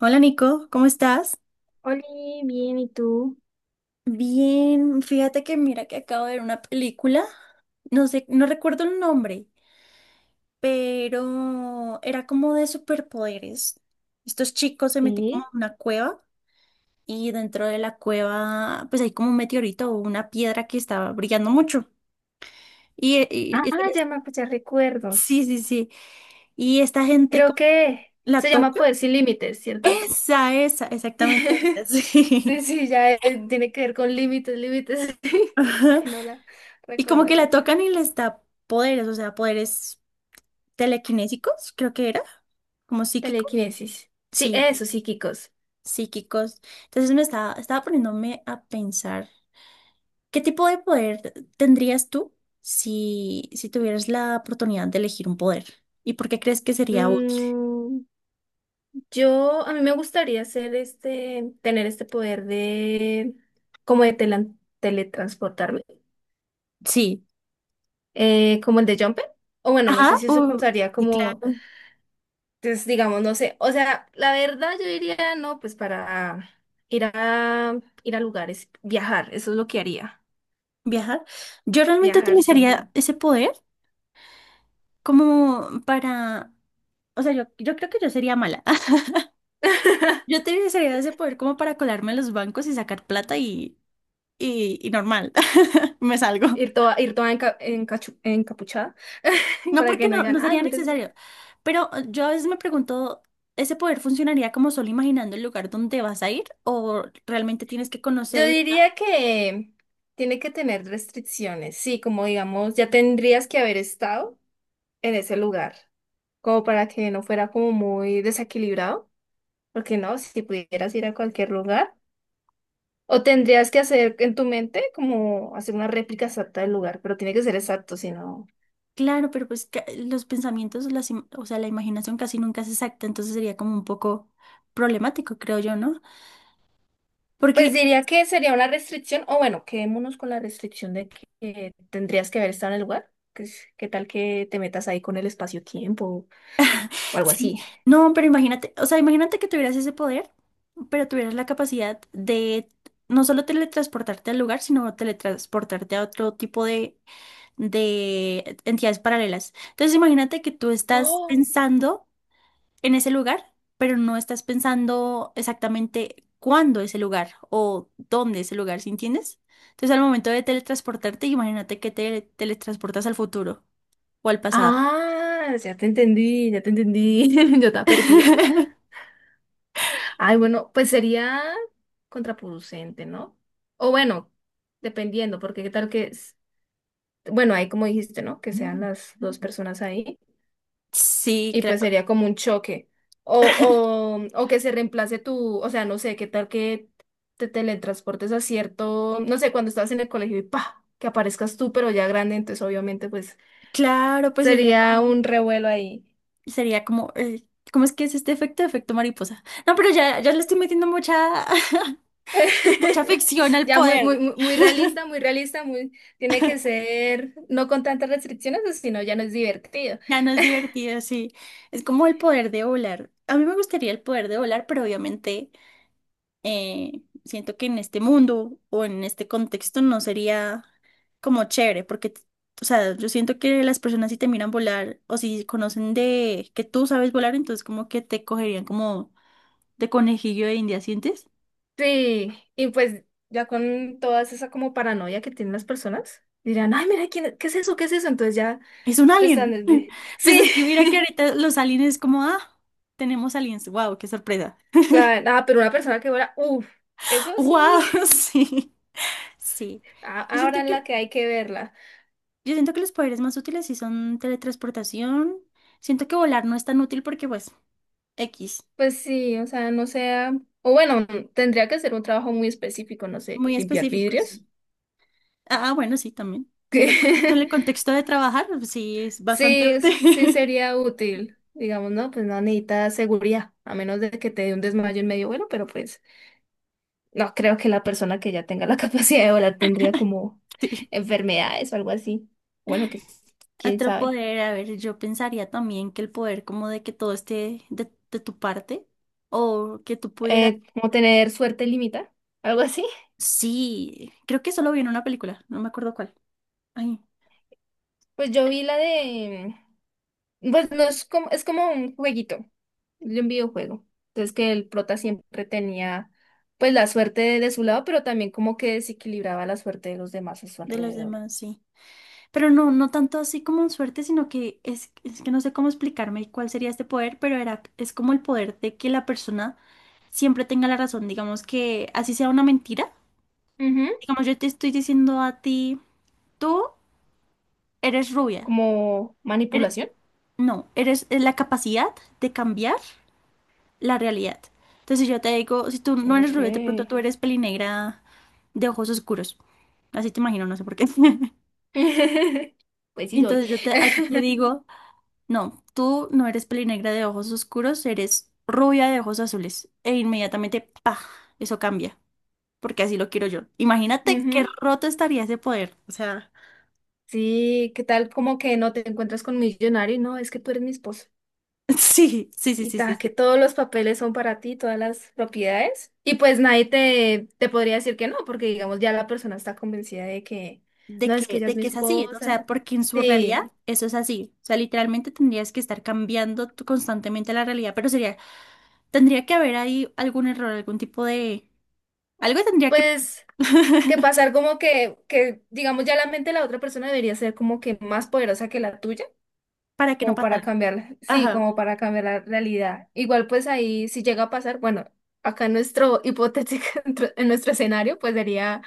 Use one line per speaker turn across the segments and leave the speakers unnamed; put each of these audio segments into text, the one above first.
Hola Nico, ¿cómo estás?
Oli, bien, ¿y tú?
Bien, fíjate que mira que acabo de ver una película, no sé, no recuerdo el nombre, pero era como de superpoderes. Estos chicos se metían como
¿Sí?
en una cueva y dentro de la cueva pues hay como un meteorito o una piedra que estaba brillando mucho. Y, y-
Ah,
y-
ya me pues, ya
sí,
recuerdos.
sí, sí. Y esta gente
Creo
como
que
la
se llama
toca.
Poder sin Límites, ¿cierto?
Esa, exactamente esa,
Sí,
sí.
sí, ya tiene que ver con límites, límites, sí, hasta
Ajá.
que no la
Y como que
recordé.
la tocan y les da poderes, o sea, poderes telequinésicos, creo que era, como psíquicos.
Telequinesis. Sí,
Sí,
eso, psíquicos.
psíquicos. Entonces estaba poniéndome a pensar, ¿qué tipo de poder tendrías tú si, si tuvieras la oportunidad de elegir un poder? ¿Y por qué crees que sería útil?
Mm, a mí me gustaría hacer este, tener este poder de, como de teletransportarme,
Sí.
como el de Jumper. O bueno, no sé
Ajá,
si eso
u-
contaría
y
como.
claro,
Entonces, digamos, no sé, o sea, la verdad yo diría, no, pues para ir a lugares, viajar, eso es lo que haría.
viajar. Yo realmente
Viajar, sí.
utilizaría ese poder como para, o sea, yo creo que yo sería mala. Yo utilizaría ese poder como para colarme a los bancos y sacar plata y y normal, me salgo.
Ir toda encapuchada,
No
para
porque
que no
no, no
digan, ay,
sería
mires.
necesario, pero yo a veces me pregunto, ¿ese poder funcionaría como solo imaginando el lugar donde vas a ir o realmente tienes que conocer
Yo
el lugar?
diría que tiene que tener restricciones, sí, como digamos, ya tendrías que haber estado en ese lugar, como para que no fuera como muy desequilibrado, porque no, si pudieras ir a cualquier lugar. O tendrías que hacer en tu mente como hacer una réplica exacta del lugar, pero tiene que ser exacto, si no.
Claro, pero pues ca- los pensamientos, las, im- o sea, la imaginación casi nunca es exacta, entonces sería como un poco problemático, creo yo, ¿no? Porque
Pues diría que sería una restricción, o bueno, quedémonos con la restricción de que tendrías que haber estado en el lugar. ¿Qué tal que te metas ahí con el espacio-tiempo o algo
sí,
así?
no, pero imagínate, o sea, imagínate que tuvieras ese poder, pero tuvieras la capacidad de no solo teletransportarte al lugar, sino teletransportarte a otro tipo de entidades paralelas. Entonces, imagínate que tú estás
Oh.
pensando en ese lugar, pero no estás pensando exactamente cuándo ese lugar o dónde ese lugar, ¿sí entiendes? Entonces, al momento de teletransportarte, imagínate que te teletransportas al futuro o al pasado.
Ah, ya te entendí. Yo estaba perdida. Ay, bueno, pues sería contraproducente, ¿no? O bueno, dependiendo, porque qué tal que, bueno, ahí como dijiste, ¿no? Que sean las dos personas ahí.
Sí,
Y
claro.
pues sería como un choque. O, o que se reemplace tu, o sea, no sé, qué tal que te teletransportes a cierto, no sé, cuando estás en el colegio y pa, que aparezcas tú, pero ya grande, entonces obviamente pues
Claro, pues
sería un revuelo ahí.
sería como, ¿cómo es que es este efecto? Efecto mariposa. No, pero ya, ya le estoy metiendo mucha, mucha ficción al
Ya
poder.
muy realista, muy realista, muy, tiene que ser, no con tantas restricciones, o si no ya no es divertido.
Ya no es divertido, sí. Es como el poder de volar. A mí me gustaría el poder de volar, pero obviamente siento que en este mundo o en este contexto no sería como chévere, porque, o sea, yo siento que las personas si te miran volar o si conocen de que tú sabes volar, entonces como que te cogerían como de conejillo de India, ¿sientes?
Sí, y pues ya con toda esa como paranoia que tienen las personas, dirán, ay, mira, ¿quién, qué es eso? ¿Qué es eso? Entonces ya.
Es un
De
alien.
Standard Bee.
Pues
Sí.
es que mira que ahorita los aliens como, ah, tenemos aliens. Wow, qué sorpresa.
Pero una persona que vuela, uff, eso sí,
Wow, sí. Sí. Yo siento
ahora la
que
que hay que verla.
yo siento que los poderes más útiles sí son teletransportación. Siento que volar no es tan útil porque, pues, X.
Pues sí, o sea, no sea, o bueno, tendría que ser un trabajo muy específico, no sé,
Muy
limpiar
específico,
vidrios.
sí. Ah, ah, bueno, sí, también. Si lo ponemos en el contexto de trabajar, pues sí, es bastante
Sí, sí
útil.
sería útil. Digamos, no, pues no necesita seguridad, a menos de que te dé un desmayo en medio vuelo, pero pues no creo que la persona que ya tenga la capacidad de volar tendría como
Sí.
enfermedades o algo así. Bueno, quién
Otro
sabe.
poder, a ver, yo pensaría también que el poder como de que todo esté de tu parte o que tú pudieras...
Como tener suerte limita, algo así.
Sí, creo que eso lo vi en una película, no me acuerdo cuál. Ay,
Pues yo vi la de, pues no es como, es como un jueguito, de un videojuego. Entonces que el prota siempre tenía pues la suerte de su lado, pero también como que desequilibraba la suerte de los demás a su
de los
alrededor.
demás, sí. Pero no, no tanto así como suerte, sino que es que no sé cómo explicarme cuál sería este poder, pero era, es como el poder de que la persona siempre tenga la razón, digamos que así sea una mentira.
Ujú.
Digamos, yo te estoy diciendo a ti, tú eres rubia.
Como
Eres-
manipulación.
no, eres es la capacidad de cambiar la realidad. Entonces si yo te digo, si tú no eres
Ok.
rubia, de pronto tú eres pelinegra de ojos oscuros. Así te imagino, no sé por qué.
Pues sí soy.
Entonces yo te, a ti te digo... No, tú no eres pelinegra de ojos oscuros, eres rubia de ojos azules. E inmediatamente, ¡pah! Eso cambia, porque así lo quiero yo. Imagínate qué
Ujú.
roto estaría ese poder. O sea,
Sí, ¿qué tal? Como que no te encuentras con millonario, no, es que tú eres mi esposo.
sí, sí, sí,
Y
sí, sí,
ta, que
sí.
todos los papeles son para ti, todas las propiedades. Y pues nadie te podría decir que no, porque digamos ya la persona está convencida de que no, es que ella es
De
mi
que es así, o
esposa.
sea, porque en su
Sí,
realidad eso es así. O sea, literalmente tendrías que estar cambiando tú constantemente la realidad, pero sería, tendría que haber ahí algún error, algún tipo de... Algo tendría que...
pues que pasar como que digamos ya la mente de la otra persona debería ser como que más poderosa que la tuya,
para que no
como para
pasara.
cambiar, sí,
Ajá.
como para cambiar la realidad. Igual pues ahí si llega a pasar, bueno, acá en nuestro hipotético, en nuestro escenario, pues sería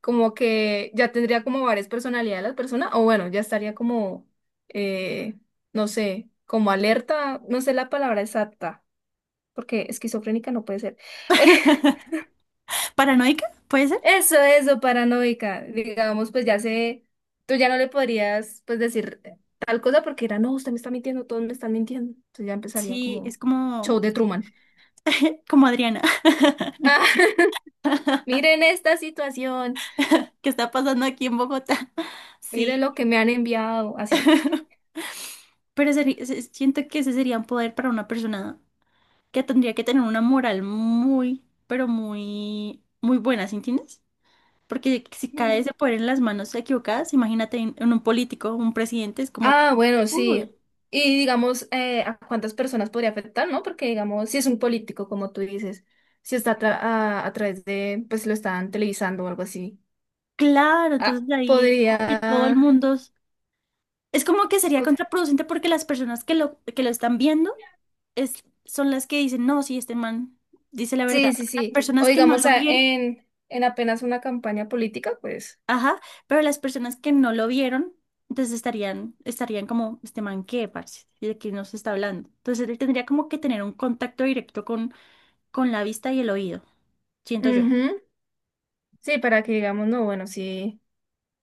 como que ya tendría como varias personalidades las personas, o bueno, ya estaría como, eh, no sé, como alerta, no sé la palabra exacta, porque esquizofrénica no puede ser.
¿Paranoica? ¿Puede ser?
Eso, paranoica, digamos, pues ya sé, tú ya no le podrías, pues decir tal cosa porque era, no, usted me está mintiendo, todos me están mintiendo. Entonces ya empezaría
Sí,
como
es como,
show de Truman.
como Adriana, mentira,
Ah, miren esta situación,
que está pasando aquí en Bogotá.
miren
Sí,
lo que me han enviado, así.
pero seri- se- siento que ese sería un poder para una persona que tendría que tener una moral muy, pero muy, muy buena, ¿sí entiendes? Porque si cae ese poder en las manos equivocadas, imagínate en un político, un presidente, es como,
Ah, bueno, sí.
uy,
Y digamos, ¿a cuántas personas podría afectar, no? Porque digamos, si es un político, como tú dices, si está a través de, pues lo están televisando o algo así.
claro,
Ah,
entonces ahí es como que todo el
podría...
mundo es como que sería
pod-
contraproducente porque las personas que lo están viendo son las que dicen, no, sí, este man dice la verdad.
sí, sí,
Las
sí. O
personas que no
digamos,
lo vieron,
en apenas una campaña política, pues...
ajá, pero las personas que no lo vieron, entonces estarían como, este man, ¿qué, parce? ¿Y de qué nos está hablando? Entonces él tendría como que tener un contacto directo con la vista y el oído, siento yo.
Ujú. Sí, para que digamos, no, bueno, sí.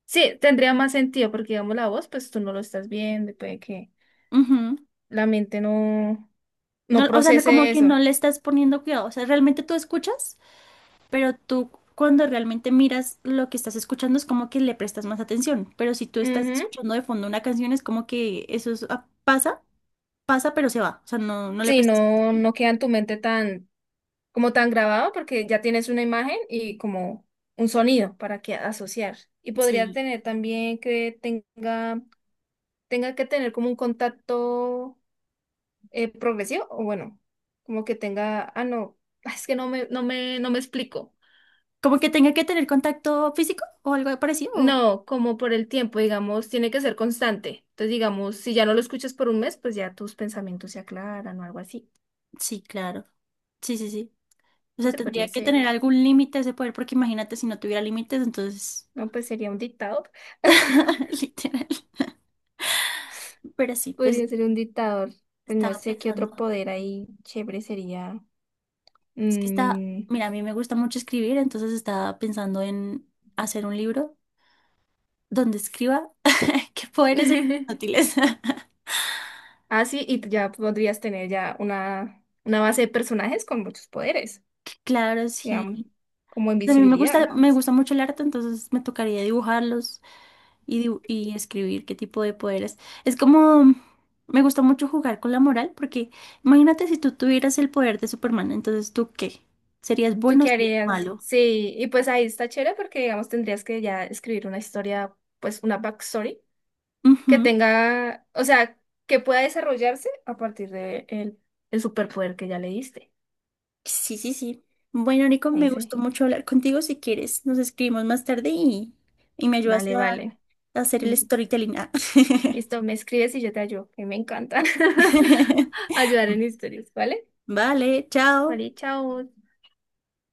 Sí, tendría más sentido, porque digamos, la voz, pues tú no lo estás viendo, y puede que
Ujú.
la mente no,
No,
no
o sea, no- como
procese
que no
eso.
le estás poniendo cuidado. O sea, ¿realmente tú escuchas? Pero tú cuando realmente miras lo que estás escuchando es como que le prestas más atención. Pero si tú estás
Ujú.
escuchando de fondo una canción es como que eso es- ah, pasa, pasa, pero se va. O sea, no, no le
Sí,
prestas atención.
no, no queda en tu mente tan, como tan grabado porque ya tienes una imagen y como un sonido para que asociar. Y podría
Sí.
tener también que tenga, tenga que tener como un contacto progresivo, o bueno, como que tenga, ah, no, ah, es que no me explico.
Como que tenga que tener contacto físico o algo parecido. O-
No, como por el tiempo, digamos, tiene que ser constante. Entonces, digamos, si ya no lo escuchas por un mes, pues ya tus pensamientos se aclaran o algo así.
sí, claro. Sí, sí, sí. O sea,
Ese
tendría
podría
que
ser.
tener algún límite ese poder, porque imagínate si no tuviera límites, entonces,
No, pues sería un dictado.
literal. Pero sí, pues
Podría ser un dictador, pues no
estaba
sé qué otro
pensando.
poder ahí chévere sería.
Es que está,
Mm.
mira, a mí me gusta mucho escribir, entonces estaba pensando en hacer un libro donde escriba. Qué poderes e inútiles.
Ah, sí, y ya podrías tener ya una base de personajes con muchos poderes,
Claro,
digamos,
sí.
como
A mí
invisibilidad.
me gusta mucho el arte, entonces me tocaría dibujarlos y, dibu- y escribir qué tipo de poderes. Es como, me gusta mucho jugar con la moral, porque imagínate si tú tuvieras el poder de Superman, entonces ¿tú qué? ¿Serías
¿Tú
bueno o
qué
serías
harías?
malo?
Sí, y pues ahí está chévere porque, digamos, tendrías que ya escribir una historia, pues una backstory que
Ujú.
tenga, o sea, que pueda desarrollarse a partir de el superpoder que ya le diste.
Sí, sí, sí. Bueno, Nico,
Ahí
me gustó
sí.
mucho hablar contigo. Si quieres, nos escribimos más tarde y me ayudas
Vale, vale.
a hacer el
Listo.
storytelling. Ah.
Listo, me escribes y yo te ayudo, que me encanta ayudar en historias, ¿vale?
Vale, chao.
Vale, chao.